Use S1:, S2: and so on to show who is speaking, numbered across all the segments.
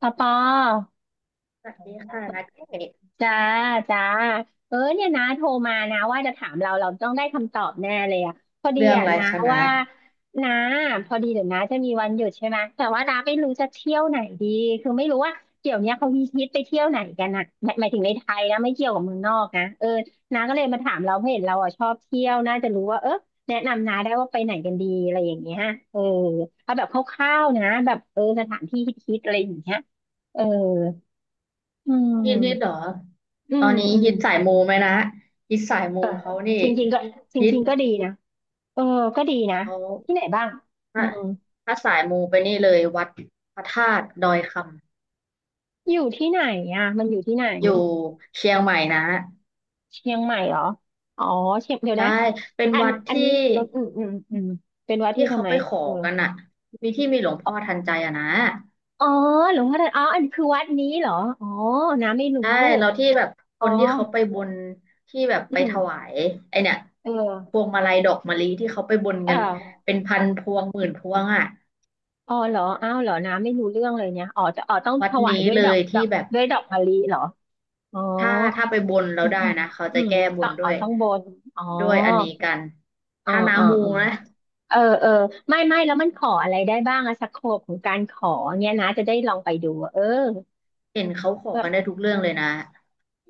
S1: ปอปอ
S2: สวัสดีค่ะนัดเอก
S1: จ้าจ้าเออเนี่ยนะโทรมานะว่าจะถามเราเราต้องได้คำตอบแน่เลยอะพอดี
S2: เรื่อง
S1: อะ
S2: อะไร
S1: นะ
S2: คะนะ
S1: ว่านะพอดีเดี๋ยวนะจะมีวันหยุดใช่ไหมแต่ว่านะไม่รู้จะเที่ยวไหนดีคือไม่รู้ว่าเดี๋ยวเนี้ยเขามีฮิตไปเที่ยวไหนกันอะหมายถึงในไทยนะไม่เกี่ยวกับเมืองนอกนะเออนาก็เลยมาถามเราเพราะเห็นเราอะชอบเที่ยวน่าจะรู้ว่าเออแนะนำนาได้ว่าไปไหนกันดีอะไรอย่างเงี้ยเออเอาแบบคร่าวๆนะแบบเออสถานที่ฮิตๆอะไรอย่างเงี้ยเอออื
S2: ฮิตฮิตเหรอ
S1: ม อื
S2: ตอ
S1: ม
S2: นนี้
S1: อืม
S2: ฮิตสายมูไหมนะฮิตสายมู
S1: เออ
S2: เขานี่
S1: จริงๆก็จ
S2: ฮิต
S1: ริงๆก็ดีนะเออก็ดีนะ
S2: เขา
S1: ที่ไหนบ้างอื
S2: ถ้า
S1: ม
S2: สายมูไปนี่เลยวัดพระธาตุดอยค
S1: อยู่ที่ไหนอ่ะมันอยู่ที่ไหน
S2: ำอยู่เชียงใหม่นะ
S1: เชียงใหม่เหรออ๋อเชียงเดี๋ยว
S2: ใช่
S1: นะ
S2: เป็น
S1: อัน
S2: วัด
S1: อัน
S2: ที่
S1: นี้มีรถอืมอืมอืมเป็นวัดที่
S2: ที่
S1: ทำ
S2: เขา
S1: ไม
S2: ไปขอ
S1: เออ
S2: กันอะมีที่มีหลวงพ่อทันใจอะนะ
S1: อ๋อหลวงพ่อทันอ๋ออันคือวัดนี้เหรออ๋อน้ำไม่รู้
S2: ใช่เราที่แบบค
S1: อ๋อ
S2: นที่เขาไปบนที่แบบ
S1: อื
S2: ไป
S1: ม
S2: ถวายไอเนี่ย
S1: เ
S2: พ
S1: ออ
S2: วงมาลัยดอกมะลิที่เขาไปบน
S1: เอ
S2: กัน
S1: อ
S2: เป็นพันพวงหมื่นพวงอ่ะ
S1: อ๋อเหรออ้าวเหรอน้ำไม่รู้เรื่องเลยเนี่ยอ๋อจะอ๋อต้อง
S2: วั
S1: ถ
S2: ด
S1: วาย
S2: นี้
S1: ด้วย
S2: เล
S1: ดอก
S2: ย
S1: ดอ
S2: ที่
S1: ก
S2: แบบ
S1: ด้วยดอกมะลิเหรออ๋อ
S2: ถ้าไปบนแล้
S1: อื
S2: ว
S1: ม
S2: ได้
S1: อืม
S2: นะเขา
S1: อื
S2: จะ
S1: ม
S2: แก้บ
S1: ต้อ
S2: น
S1: งข
S2: ด้
S1: อ
S2: วย
S1: ต้องบนอ๋อ
S2: ด้วยอันนี้กัน
S1: อ๋อ
S2: ถ้าน้า
S1: อ๋อ
S2: มู
S1: อ๋อ
S2: นะ
S1: เออเออไม่ไม่แล้วมันขออะไรได้บ้างอะสโคปของการขอเนี่ยนะจะได้ลองไปดูอะเออ
S2: เห็นเขาขอ
S1: แบ
S2: กันได้
S1: บ
S2: ทุกเรื่องเลยนะ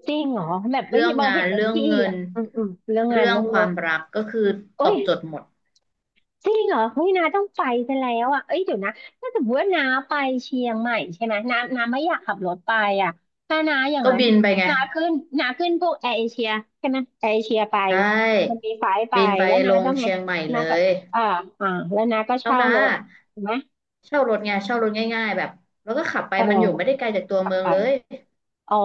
S1: จริงเหรอแบบไม่
S2: เรื่อ
S1: มี
S2: ง
S1: บอ
S2: งา
S1: เห็
S2: น
S1: นบาง
S2: เรื่อง
S1: ที่
S2: เงิ
S1: อะ
S2: น
S1: อืมอืมเรื่องงา
S2: เรื่
S1: น
S2: อง
S1: เรื่อง
S2: ค
S1: เงิ
S2: วาม
S1: น
S2: รักก็คือต
S1: โอ้
S2: อ
S1: ย
S2: บโจทย์หมด
S1: จริงเหรอเฮ้ยนาต้องไปซะแล้วอ่ะเอ้ยเดี๋ยวนะถ้าสมมติว่านาไปเชียงใหม่ใช่ไหมนาไม่อยากขับรถไปอ่ะถ้านาอย่าง
S2: ก็
S1: นั้น
S2: บินไปไง
S1: นาขึ้นพวกแอร์เอเชียใช่ไหมแอร์เอเชียไป
S2: ใช
S1: มั
S2: ่
S1: นมีไฟล์ไป
S2: บินไป
S1: แล้วนา
S2: ลง
S1: ต้องไง
S2: เชียงใหม่
S1: นา
S2: เล
S1: ก็
S2: ย
S1: อ่าอ่าแล้วนาก็
S2: แล้ว
S1: เช่า
S2: นะ
S1: รถถูกไหม
S2: เช่ารถไงเช่ารถง่ายๆแบบแล้วก็ขับไป
S1: เอ
S2: มันอยู่ไม่ได้
S1: อ
S2: ไกลจากตัว
S1: ขับ
S2: เมือง
S1: ไป
S2: เลย
S1: อ๋อ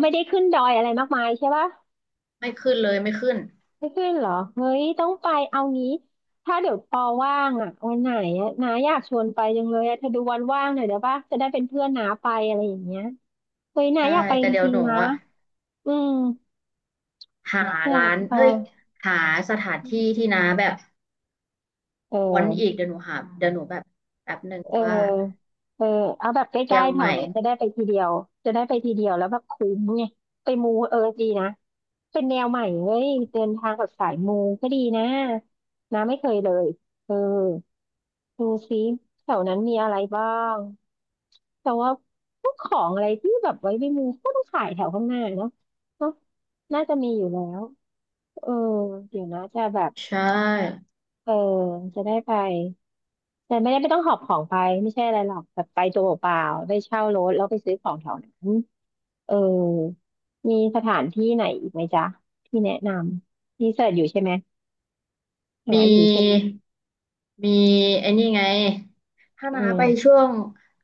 S1: ไม่ได้ขึ้นดอยอะไรมากมายใช่ปะ
S2: ไม่ขึ้นเลยไม่ขึ้น
S1: ไม่ขึ้นเหรอเฮ้ยต้องไปเอางี้ ถ้าเดี๋ยวปอว่างอ่ะวันไหนอ่ะนาอยากชวนไปจังเลยอ่ะเธอดูวันว่างหน่อยเดี๋ยวป่ะจะได้เป็นเพื่อนนาไปอะไรอย่างเงี้ยเฮ้ยนา
S2: ใช่
S1: อยากไป
S2: แต่
S1: จ
S2: เดี๋ยว
S1: ริ
S2: ห
S1: ง
S2: นู
S1: ๆนะ
S2: อะ
S1: อืม
S2: หา
S1: อยา
S2: ร้า
S1: ก
S2: น
S1: ไป
S2: เฮ้ยหาสถานที่ที่น้าแบบ
S1: เอ
S2: วอนอีก
S1: อ
S2: เดี๋ยวหนูหาเดี๋ยวหนูแบบแบบหนึ่ง
S1: เ
S2: ว่า
S1: ออเออเอาแบบใก
S2: เชี
S1: ล้
S2: ยง
S1: ๆแถ
S2: ให
S1: ว
S2: ม่
S1: นั้นจะได้ไปทีเดียวจะได้ไปทีเดียวแล้วแบบคุ้มไงไปมูเออดีนะเป็นแนวใหม่เว้ยเดินทางกับสายมูก็ดีนะนะไม่เคยเลยเออ ดูซิแถวนั้นมีอะไรบ้างแต่ว่าพวกของอะไรที่แบบไว้ในมือก็ต้องขายแถวข้างหน้าเนาะเนาะน่าจะมีอยู่แล้วเออเดี๋ยวนะจะแบบ
S2: ใช่
S1: เออจะได้ไปแต่ไม่ได้ไม่ต้องหอบของไปไม่ใช่อะไรหรอกแบบไปตัวเปล่าๆได้เช่ารถแล้วไปซื้อของแถวนั้นเออมีสถานที่ไหนอีกไหมจ๊ะที่แนะนำรีเสิร์ชอยู่ใช่ไหมหา
S2: มี
S1: อยู่ใช่ไหม
S2: มีไอ้นี่ไงถ้าน้า
S1: อืม
S2: ไปช่วง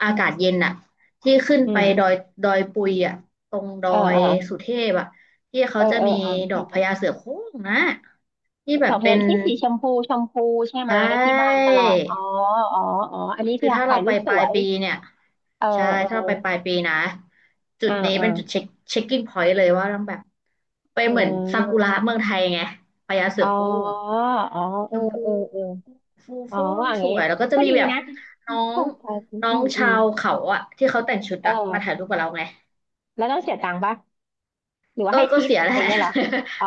S2: อากาศเย็นอะที่ขึ้น
S1: อื
S2: ไปดอ
S1: ม
S2: ยดอยปุยอะตรงดอ
S1: เออ
S2: ย
S1: เออ
S2: สุเทพอะที่เขา
S1: เออ
S2: จะ
S1: เอ
S2: มี
S1: ออ่าน
S2: ดอกพญาเสือโคร่งนะที่
S1: ดอ
S2: แบบ
S1: กพ
S2: เป็
S1: ญา
S2: น
S1: ที่สีชมพูชมพูใช่ไห
S2: ใช
S1: มที่บาน
S2: ่
S1: ตลอดอ๋ออ๋ออ๋ออันนี้
S2: คื
S1: คือ
S2: อถ้าเรา
S1: ถ่ายรู
S2: ไป
S1: ปส
S2: ปลา
S1: ว
S2: ย
S1: ย
S2: ปีเนี่ย
S1: เออ
S2: ใช่
S1: เอ
S2: ถ้า
S1: อ
S2: เราไปปลายปีนะจุ
S1: อ่า
S2: ดนี้
S1: อ่า
S2: เป็นจุดเช็คเช็คกิ้งพอยต์เลยว่าต้องแบบไป
S1: เ
S2: เหมือนซากุ
S1: ออ
S2: ระเมืองไทยไงพญาเสื
S1: อ๋อ
S2: อโคร่ง
S1: อ๋อ
S2: ช
S1: เออ
S2: มพู
S1: เออเออ
S2: ฟู
S1: อ๋อ
S2: ฟ่อง
S1: อย่าง
S2: ส
S1: เงี้
S2: ว
S1: ย
S2: ยแล้วก็จะ
S1: ก็
S2: มี
S1: ดี
S2: แบบ
S1: นะ
S2: น้อง
S1: ใช่ใช่
S2: น้อ
S1: อื
S2: ง
S1: มอื
S2: ชา
S1: ม
S2: วเขาอะที่เขาแต่งชุด
S1: เ
S2: อะมาถ่าย
S1: ออ
S2: รูปกับเราไง
S1: แล้วต้องเสียตังค์ปะหรือว่า
S2: ก็
S1: ให้ทิป
S2: เสียแห
S1: อ
S2: ละ
S1: ย่างเงี้ยเหรออ๋อ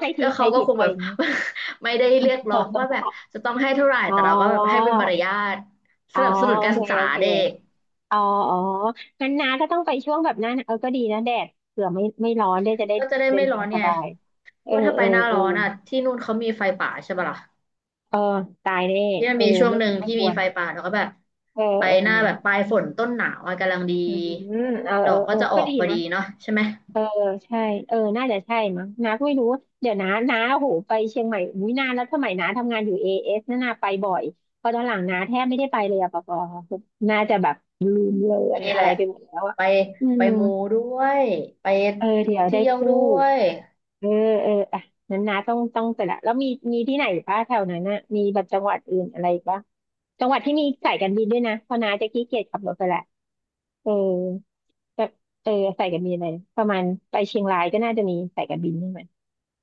S1: ให้ ทิ
S2: ก็
S1: ปให้
S2: เขาก็
S1: ทิป
S2: คง
S1: ไป
S2: แบ
S1: อ
S2: บ
S1: ย่างเงี้ย
S2: ไม่ได้เรียกร้องว่าแบ บจะต้องให้เท่าไหร่
S1: อ๋อ
S2: แต่เราก็แบบให้เป็นมารยาท
S1: อ๋
S2: ส
S1: อ
S2: นับสนุนการ
S1: โอเค
S2: ศึกษา
S1: โอเค
S2: เด็ก
S1: อ๋ออ๋องั้นน้าก็ต้องไปช่วงแบบหนั้นเออก็ดีนะแดดเผื่อไม่ไม่ร้อนได้จะได้
S2: ก็จะได้
S1: เดิ
S2: ไม่
S1: น
S2: ร้
S1: ทา
S2: อ
S1: ง
S2: น
S1: ส
S2: ไง
S1: บาย
S2: เพ
S1: เออ
S2: ราะว่าถ้า
S1: เอ
S2: ไป
S1: อ
S2: หน้า
S1: เออ
S2: ร้อนอะที่นู่นเขามีไฟป่าใช่ปะล่ะ
S1: เออตายแน่
S2: ที่มั
S1: เอ
S2: น
S1: อ
S2: มีช่วง
S1: ไม่
S2: หนึ่
S1: ถู
S2: ง
S1: กไม่
S2: ที่
S1: ค
S2: มี
S1: วร
S2: ไฟป่าแล้วก็แบบ
S1: เออ
S2: ไป
S1: เอ
S2: หน้า
S1: อ
S2: แบบปลายฝนต้นหนาวอะกำลังดี
S1: อืมเออ
S2: ด
S1: เออ
S2: อกก็
S1: เออ
S2: จะอ
S1: ก็
S2: อก
S1: ดี
S2: พอ
S1: นะ
S2: ดีเนาะใช่ไหม
S1: เออใช่เออน่าจะใช่มั้งน้าก็ไม่รู้เดี๋ยวน้าโอ้โหไปเชียงใหม่อุ้ยนานแล้วสมัยน้าทำงานอยู่เอเอสน่านาไปบ่อยพอตอนหลังน้าแทบไม่ได้ไปเลยอะปะปอน่าจะแบบลืมเลือน
S2: นี่แห
S1: อะไร
S2: ละ
S1: ไปหมดแล้วอะ
S2: ไป
S1: อืม
S2: มูด้วยไป
S1: เออเดี๋ยวได้
S2: เที่ยว
S1: พู
S2: ด้ว
S1: ด
S2: ย
S1: เออเอออ่ะนั้นนะต้องแต่ละแล้วมีมีที่ไหนป่ะแถวนั้นน่ะมีแบบจังหวัดอื่นอะไรป่ะจังหวัดที่มีสายการบินด้วยนะเพราะน้าจะขี้เกียจขับรถไปแหละเออแบบเออสายการบินอะไรประมาณไปเชียงรายก็น่าจะมีสายการบินใช่ไหม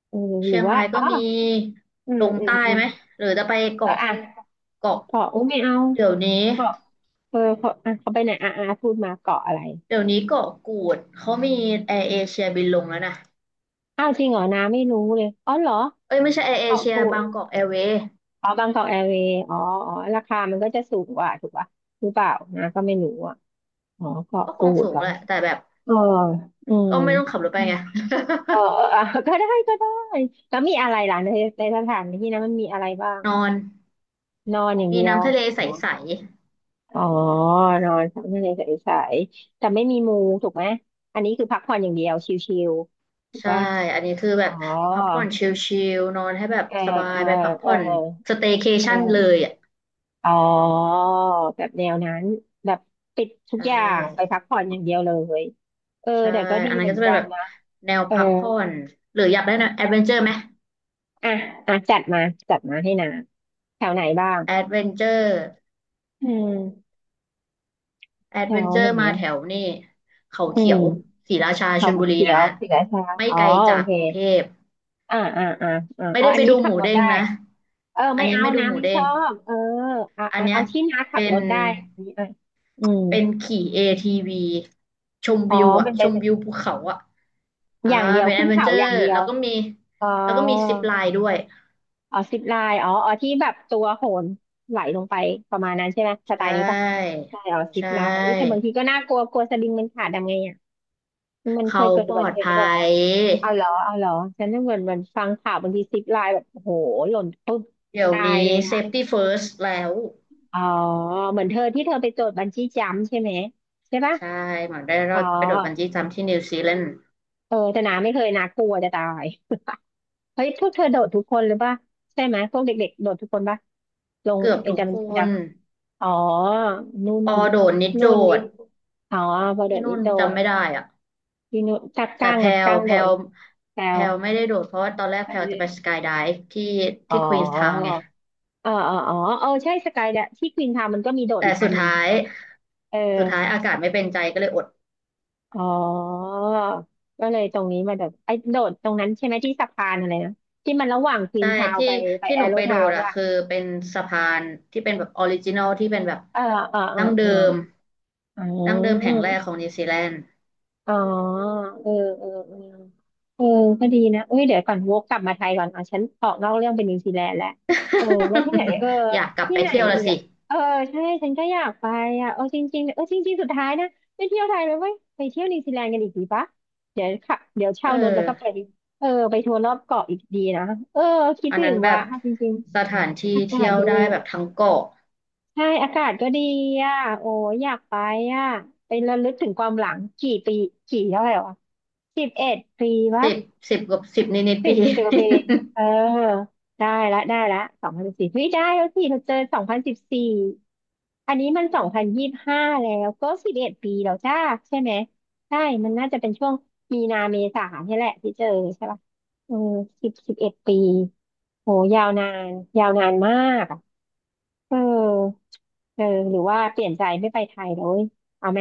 S1: เออหรื
S2: เชี
S1: อ
S2: ยง
S1: ว่า
S2: ราย
S1: อ๋
S2: ก็
S1: อ
S2: มี
S1: อื
S2: ล
S1: ม
S2: ง
S1: อืม
S2: ใต้
S1: อืม
S2: ไหมหรือจะไป
S1: อ่ะ
S2: เกาะ
S1: อ่ะ
S2: เกาะ
S1: เกาะอุ้ยไม่เอา
S2: เดี๋ยวนี้
S1: เกาะเออเกาะอ่ะเขาไปไหนอ่ะอ่ะพูดมาเกาะอะไร
S2: เดี๋ยวนี้เกาะกูดเขามีแอร์เอเชียบินลงแล้วนะ
S1: อ้าวจริงเหรอน้าไม่รู้เลยอ๋อเหรอ
S2: เอ้ยไม่ใช่แอร์เอ
S1: เกาะ
S2: เชีย
S1: กูด
S2: บางกอกแอร์เวย์
S1: อ๋อบางกอกแอร์เวย์อ๋ออ๋อราคามันก็จะสูงกว่าถูกป่ะหรือเปล่านะก็ไม่รู้อ่ะอ๋อเกาะ
S2: ก็ค
S1: กู
S2: ง
S1: ด
S2: สู
S1: เห
S2: ง
S1: รอ
S2: แหละแต่แบบ
S1: เอออืม
S2: ก็ไม่ต้องขับรถไปไง
S1: เออเออ อ่ะก็ได้ก็ได้ แล้วมีอะไรล่ะในในสถานที่นั้นมันมีอะไรบ้าง
S2: นอน
S1: นอนอย่าง
S2: มี
S1: เดียว
S2: น้ำทะเลใ
S1: เนอะ
S2: ส
S1: อ๋อ นอนพักในใสๆแต่ไม่มีมู ถูกไหม อันนี้คือพักผ่อนอย่างเดียว ชิลๆถู
S2: ๆ
S1: ก
S2: ใช่
S1: ป่ะ
S2: อันนี้คือแบ
S1: อ๋อ
S2: บพักผ่อนชิลๆนอนให้แบบ
S1: เออ
S2: สบา
S1: เอ
S2: ย
S1: อ
S2: ไปพัก
S1: เออ
S2: ผ่อนสเต y c a
S1: เ
S2: t i o นเล
S1: ออ
S2: ยอ่ะ
S1: อ๋อแบบแนวนั้นแบบปิดทุก
S2: ใช่
S1: อย่างไปพักผ่อนอย่างเดียวเลยเออ
S2: ใช่
S1: แต่ก็ดี
S2: อันนั้
S1: เห
S2: น
S1: มื
S2: ก็
S1: อน
S2: จะเป็
S1: กั
S2: น
S1: น
S2: แบบ
S1: นะ
S2: แนว
S1: เออ
S2: พักผ่อนหรืออยากได้แนวแอดเวนเจอร์ไหม
S1: อ่ะอ่ะจัดมาให้นาแถวไหนบ้าง
S2: แอดเวนเจอร์
S1: อืม
S2: แอ
S1: แถ
S2: ด
S1: ว
S2: เวนเจอ
S1: ไหน
S2: ร์มา
S1: อะ
S2: แถวนี่เขา
S1: อื
S2: เขียว
S1: ม
S2: ศรีราชาช
S1: เขา
S2: ลบุรี
S1: เขีย
S2: นะ
S1: วศรีราชา
S2: ไม่
S1: อ๋อ
S2: ไกล
S1: โอ
S2: จาก
S1: เค
S2: กรุงเทพ
S1: อ่าอ่าอ่า
S2: ไม่
S1: เอา
S2: ได้
S1: อัน
S2: ไป
S1: นี้
S2: ดู
S1: ขั
S2: ห
S1: บ
S2: มู
S1: รถ
S2: เด้ง
S1: ได้
S2: นะ
S1: เออ
S2: อัน
S1: ไม่
S2: นี้
S1: เอา
S2: ไม่ดู
S1: นะ
S2: หมู
S1: ไม่
S2: เด้
S1: ช
S2: ง
S1: อบเออ
S2: อันเนี้ย
S1: เอาที่น้าขับ
S2: เป็
S1: ร
S2: น
S1: ถได้อันนี้อ่ะอืม
S2: เป็นขี่ ATV ชม
S1: อ๋อ
S2: วิวอ่ะ
S1: เป็น
S2: ช
S1: เป็น
S2: มวิวภูเขาอ่ะอ่า
S1: อย่างเดียว
S2: เป็นแอ
S1: ขึ้
S2: ด
S1: น
S2: เวน
S1: เขา
S2: เจอ
S1: อ
S2: ร์
S1: ย่างเดีย
S2: แล้
S1: ว
S2: วก็มี
S1: อ๋อ
S2: แล้วก็มีซิปไลน์ด้วย
S1: อ๋อซิปไลน์อ๋ออ๋อที่แบบตัวโหนไหลลงไปประมาณนั้นใช่ไหมส
S2: ใช
S1: ไตล์นี้ปะ
S2: ่
S1: ใช่อ๋อซิ
S2: ใช
S1: ปไลน์อุ้ยแต่บา
S2: ่
S1: งทีก็น่ากลัวกลัวสลิงมันขาดทำไงอ่ะมันเค
S2: เขา
S1: ยเกิด
S2: ป
S1: อุ
S2: ล
S1: บั
S2: อ
S1: ติ
S2: ด
S1: เหตุหรื
S2: ภั
S1: อเปล่าวะ
S2: ย
S1: เอาเหรอฉันนึกเหมือนฟังข่าวบางทีซิปไลน์แบบโอ้โหหล่นปุ๊บ
S2: เดี๋ยว
S1: ตาย
S2: นี้
S1: เลยอ่ะ
S2: safety first แล้ว
S1: อ๋อเหมือนเธอที่เธอไปโจทย์บันจี้จัมพ์ใช่ไหมใช่ปะ
S2: ใช่หมัอนได้ร
S1: อ๋
S2: อ
S1: อ
S2: ดไปโดดบันจี้จัมพ์ที่นิวซีแลนด์
S1: เออแต่นาไม่เคยนากลัวจะตาย เฮ้ยพวกเธอโดดทุกคนหรือปะใช่ไหมพวกเด็กๆโดดทุกคนปะลง
S2: เกือบ
S1: ไอ้
S2: ทุก
S1: จัมพ์บั
S2: ค
S1: นจี้จั
S2: น
S1: มพ์ อ๋อ นุ่น
S2: ออโดดนิดโด
S1: นุ่นนี่
S2: ด
S1: อ๋อพอเดี๋
S2: ที่
S1: ยวนี้
S2: นู่น
S1: โด
S2: จำ
S1: ด
S2: ไม่ได้อ่ะ
S1: พี่นุ่นจัก
S2: แต่
S1: กั้ง
S2: แพล
S1: อ่ะ
S2: ว
S1: กั้งโดดเหรอแซ
S2: แพ
S1: ว
S2: ลวไม่ได้โดดเพราะว่าตอนแรกแพลวจะ
S1: เล่น
S2: ไปสกายไดฟ์ที่
S1: อ๋อ
S2: ควีนส์ทาวน์ไง
S1: เออเอออ๋อเออใช่สกายเดะที่ควีนทาวมันก็มีโดด
S2: แต่
S1: อีกอั
S2: สุ
S1: น
S2: ด
S1: หนึ่งถู
S2: ท้า
S1: ก
S2: ย
S1: ปะเออ
S2: อากาศไม่เป็นใจก็เลยอด
S1: อ๋อก็เลยตรงนี้มาโดดไอ้โดดตรงนั้นใช่ไหมที่สะพานอะไรนะ ที่มันระหว่างควี
S2: ใช่
S1: นทาว
S2: ที่
S1: ไปแอ
S2: หนู
S1: โร
S2: ไปโด
S1: ทาว
S2: ด
S1: ใช่
S2: อะ
S1: ปะ
S2: คือเป็นสะพานที่เป็นแบบออริจินอลที่เป็นแบบ
S1: เออเออเออ
S2: ดั้ง
S1: เอ
S2: เดิ
S1: อ
S2: ม
S1: อ๋อ
S2: แห่งแรกของนิวซีแลนด์
S1: อ๋อเออเออเออเออก็ดีนะเอ้ยเดี๋ยวก่อนวกกลับมาไทยก่อนอ่ฉันออกนอกเรื่องเป็นนิวซีแลนด์แล้วเออแล้วที่ไหนเออ
S2: อยากกลับ
S1: ที่
S2: ไป
S1: ไหน
S2: เที่ยวละ
S1: อีก
S2: สิ
S1: อ่ะเออใช่ฉันก็อยากไปอ่ะเออจริงๆเออจริงๆสุดท้ายนะไปเที่ยวไทยเลยเว้ยไปเที่ยวนิวซีแลนด์กันอีกดีปะเดี๋ยวขับเดี๋ยวเช่า
S2: เออ
S1: รถแล้วก็ไปเออไปทัวร์รอบเกาะอีกดีนะเออคิด
S2: อัน
S1: ถึ
S2: นั้
S1: ง
S2: นแบ
S1: ว่ะ
S2: บ
S1: จริง
S2: สถานที่
S1: ๆอากา
S2: เที่
S1: ศ
S2: ยว
S1: ดี
S2: ได้แบบทั้งเกาะ
S1: ใช่อากาศก็ดีอ่ะโอ้ยอยากไปอ่ะไประลึกถึงความหลังกี่ปีกี่เท่าไหร่วะสิบเอ็ดปีวะ
S2: สิบกับสิบนิดๆ
S1: สิ
S2: ปี
S1: บ สิบปีเองเออได้ละได้ละสองพันสิบสี่เฮ้ยได้แล้วสิเราเจอสองพันสิบสี่อันนี้มัน2025แล้วก็สิบเอ็ดปีแล้วจ้าใช่ไหมใช่มันน่าจะเป็นช่วงมีนาเมษาเนี่ยแหละที่เจอใช่ป่ะเออสิบเอ็ดปีโหยาวนานยาวนานมาก เออเออหรือว่าเปลี่ยนใจไม่ไปไทยแล้วเว้ยเอาไหม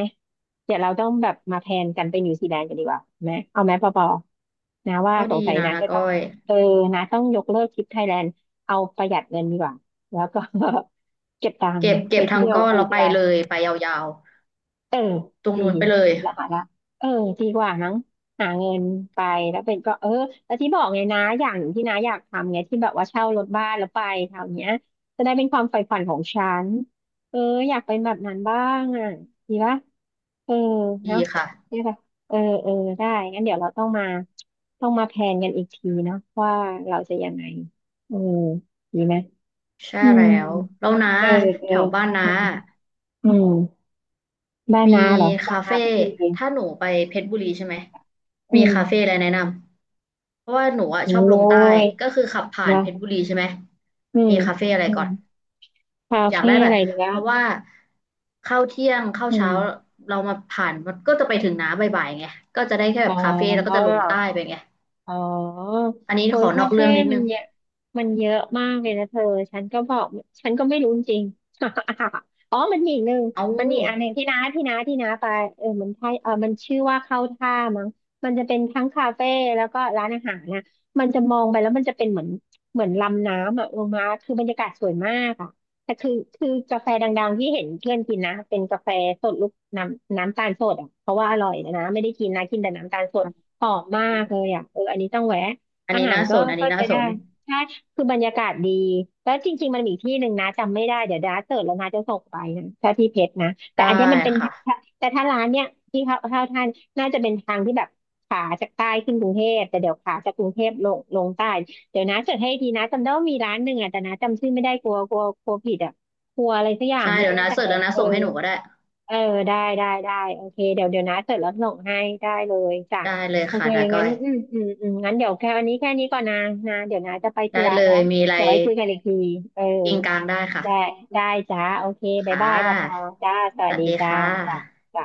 S1: เดี๋ยวเราต้องแบบมาแพลนกันไปนิวซีแลนด์กันดีกว่าไหมเอาไหมปอปอนะว่า
S2: ก็
S1: ส
S2: ดี
S1: งสัย
S2: นะ
S1: นะ
S2: นะ
S1: จะต้
S2: ก้
S1: อ
S2: อ
S1: ง
S2: ย
S1: เออนะต้องยกเลิกทริปไทยแลนด์ เอาประหยัดเงินดีกว่า แล้วก็ เก็บตังค์
S2: เก็บ
S1: ไปเที่
S2: ทั้ง
S1: ยว
S2: ก้อน
S1: นิ
S2: แล้
S1: ว
S2: ว
S1: ซี
S2: ไป
S1: แลน
S2: เล
S1: ด์
S2: ยไปยาว
S1: เออ
S2: ๆตรง
S1: ดี
S2: นู้นไปเลย
S1: ละหาละเออดีกว่ามั้งหาเงินไปแล้วเป็นก็เออแล้วที่บอกไงนะอย่างหนึ่งที่น้าอยากทำไงที่แบบว่าเช่ารถบ้านแล้วไปแถวเนี้ยจะได้เป็นความใฝ่ฝันของฉันเออ อยากเป็นแบบนั้นบ้างอ่ะดีปะเออ
S2: ดี
S1: เนาะ
S2: ค่ะ
S1: ได้ปะเออเออได้งั้นเดี๋ยวเราต้องมาต้องมาแพลนกันอีกทีเนาะว่าเราจะยังไงเออดีไหม
S2: ใช่
S1: อืม
S2: แล้วแล้วนะ
S1: เออเออ
S2: แถวบ้านนะ
S1: อืมอืมบ้าน
S2: มี
S1: น้าเหรอบ้า
S2: คา
S1: นนา
S2: เฟ่
S1: เพชรบุรี
S2: ถ้าหนูไปเพชรบุรีใช่ไหม
S1: อื
S2: มี
S1: ม
S2: คาเฟ่อะไรแนะนำเพราะว่าหนูอะ
S1: โอ้
S2: ชอบลงใต้
S1: ย
S2: ก็คือขับผ่าน
S1: นะ
S2: เพชรบุรีใช่ไหม
S1: อืม
S2: มีคาเฟ่อะไร
S1: อื
S2: ก่อ
S1: ม
S2: น
S1: คา
S2: อยาก
S1: เฟ่
S2: ได้แบ
S1: อะ
S2: บ
S1: ไรเนี้ย
S2: เพราะว่าเข้าเที่ยงเข้า
S1: อื
S2: เช้า
S1: ม
S2: เรามาผ่านมันก็จะไปถึงน้าบ่ายๆไงก็จะได้แค่แบ
S1: อ๋อ
S2: บคาเฟ่แล้วก็จะลงใต้ไปไง
S1: อ๋อ
S2: อันนี้
S1: โอ้
S2: ข
S1: ย
S2: อน
S1: คา
S2: อก
S1: เฟ่
S2: เรื่องนิด
S1: มั
S2: นึ
S1: น
S2: ง
S1: เยอะมันเยอะมากเลยนะเธอ ฉันก็บอก ฉันก็ไม่รู้จริง อ๋อมันมีอีกหนึ่ง
S2: เอา
S1: มันมีอีกอันหนึ่งที่น้าไปเออมันใช่เออมันชื่อว่าเข้าท่ามั้งมันจะเป็นทั้งคาเฟ่แล้วก็ร้านอาหารนะมันจะมองไปแล้วมันจะเป็นเหมือนลำน้ำอ่ะลงมาคือบรรยากาศสวยมากอ่ะแต่คือกาแฟดังๆที่เห็นเพื่อนกินนะ เป็นกาแฟสดลูกน้ำตาลสดอ่ะเพราะว่าอร่อยนะนะไม่ได้กินนะกินแต่น้ำตาลสด หอมมากเลยอ่ะเอออันนี้ต้องแวะ
S2: อัน
S1: อา
S2: นี้
S1: หาร
S2: น่า
S1: ก็
S2: สนอันนี้น่า
S1: ใช้
S2: ส
S1: ได้
S2: น
S1: ใช่คือบรรยากาศดีแล้วจริงๆมันมีอีกที่หนึ่งนะจำไม่ได้เดี๋ยวดาเสิร์ชแล้วนะจะส่งไปนะถ้าที่เพชรนะแต่
S2: ได้
S1: อันเนี้ยมันเป็น
S2: ค่ะ
S1: แต่ถ้าร้านเนี้ยที่เขาเท่าท่านน่าจะเป็นทางที่แบบขาจากใต้ขึ้นกรุงเทพแต่เดี๋ยวขาจากกรุงเทพลงใต้เดี๋ยวนะเสิร์ชให้ทีนะจำได้ว่ามีร้านหนึ่งอ่ะแต่นะจำชื่อไม่ได้กลัวกลัวกลัวผิดอ่ะกลัวอะไรสักอย่าง
S2: ใช่
S1: ไม่
S2: เดี๋ยว
S1: แน่
S2: นา
S1: ใจ
S2: เสิร์ชแล้ว
S1: อะ
S2: นา
S1: เออ
S2: ส่งให้หนูก็ได้
S1: เออได้โอเคเดี๋ยวนะเสร็จแล้วส่งให้ได้เลยจ้ะ
S2: ได้เลย
S1: โอ
S2: ค่ะ
S1: เค
S2: นาก้
S1: งั้
S2: อ
S1: น
S2: ย
S1: อืมงั้นเดี๋ยวแค่วันนี้แค่นี้ก่อนนะนะเดี๋ยวนะจะไปธุ
S2: ได้
S1: ระ
S2: เล
S1: แล้ว
S2: ยมีอะไร
S1: เดี๋ยวไว้คุยกันอีกที เออ
S2: กินกลางได้ค่ะ
S1: ได้ได้จ้า โอเคบ๊าย
S2: ค่
S1: บายปอปอ
S2: ะ
S1: จ้าส
S2: ส
S1: วัส
S2: วัส
S1: ดี
S2: ดี
S1: จ้า
S2: ค่ะ
S1: จ้าจ้า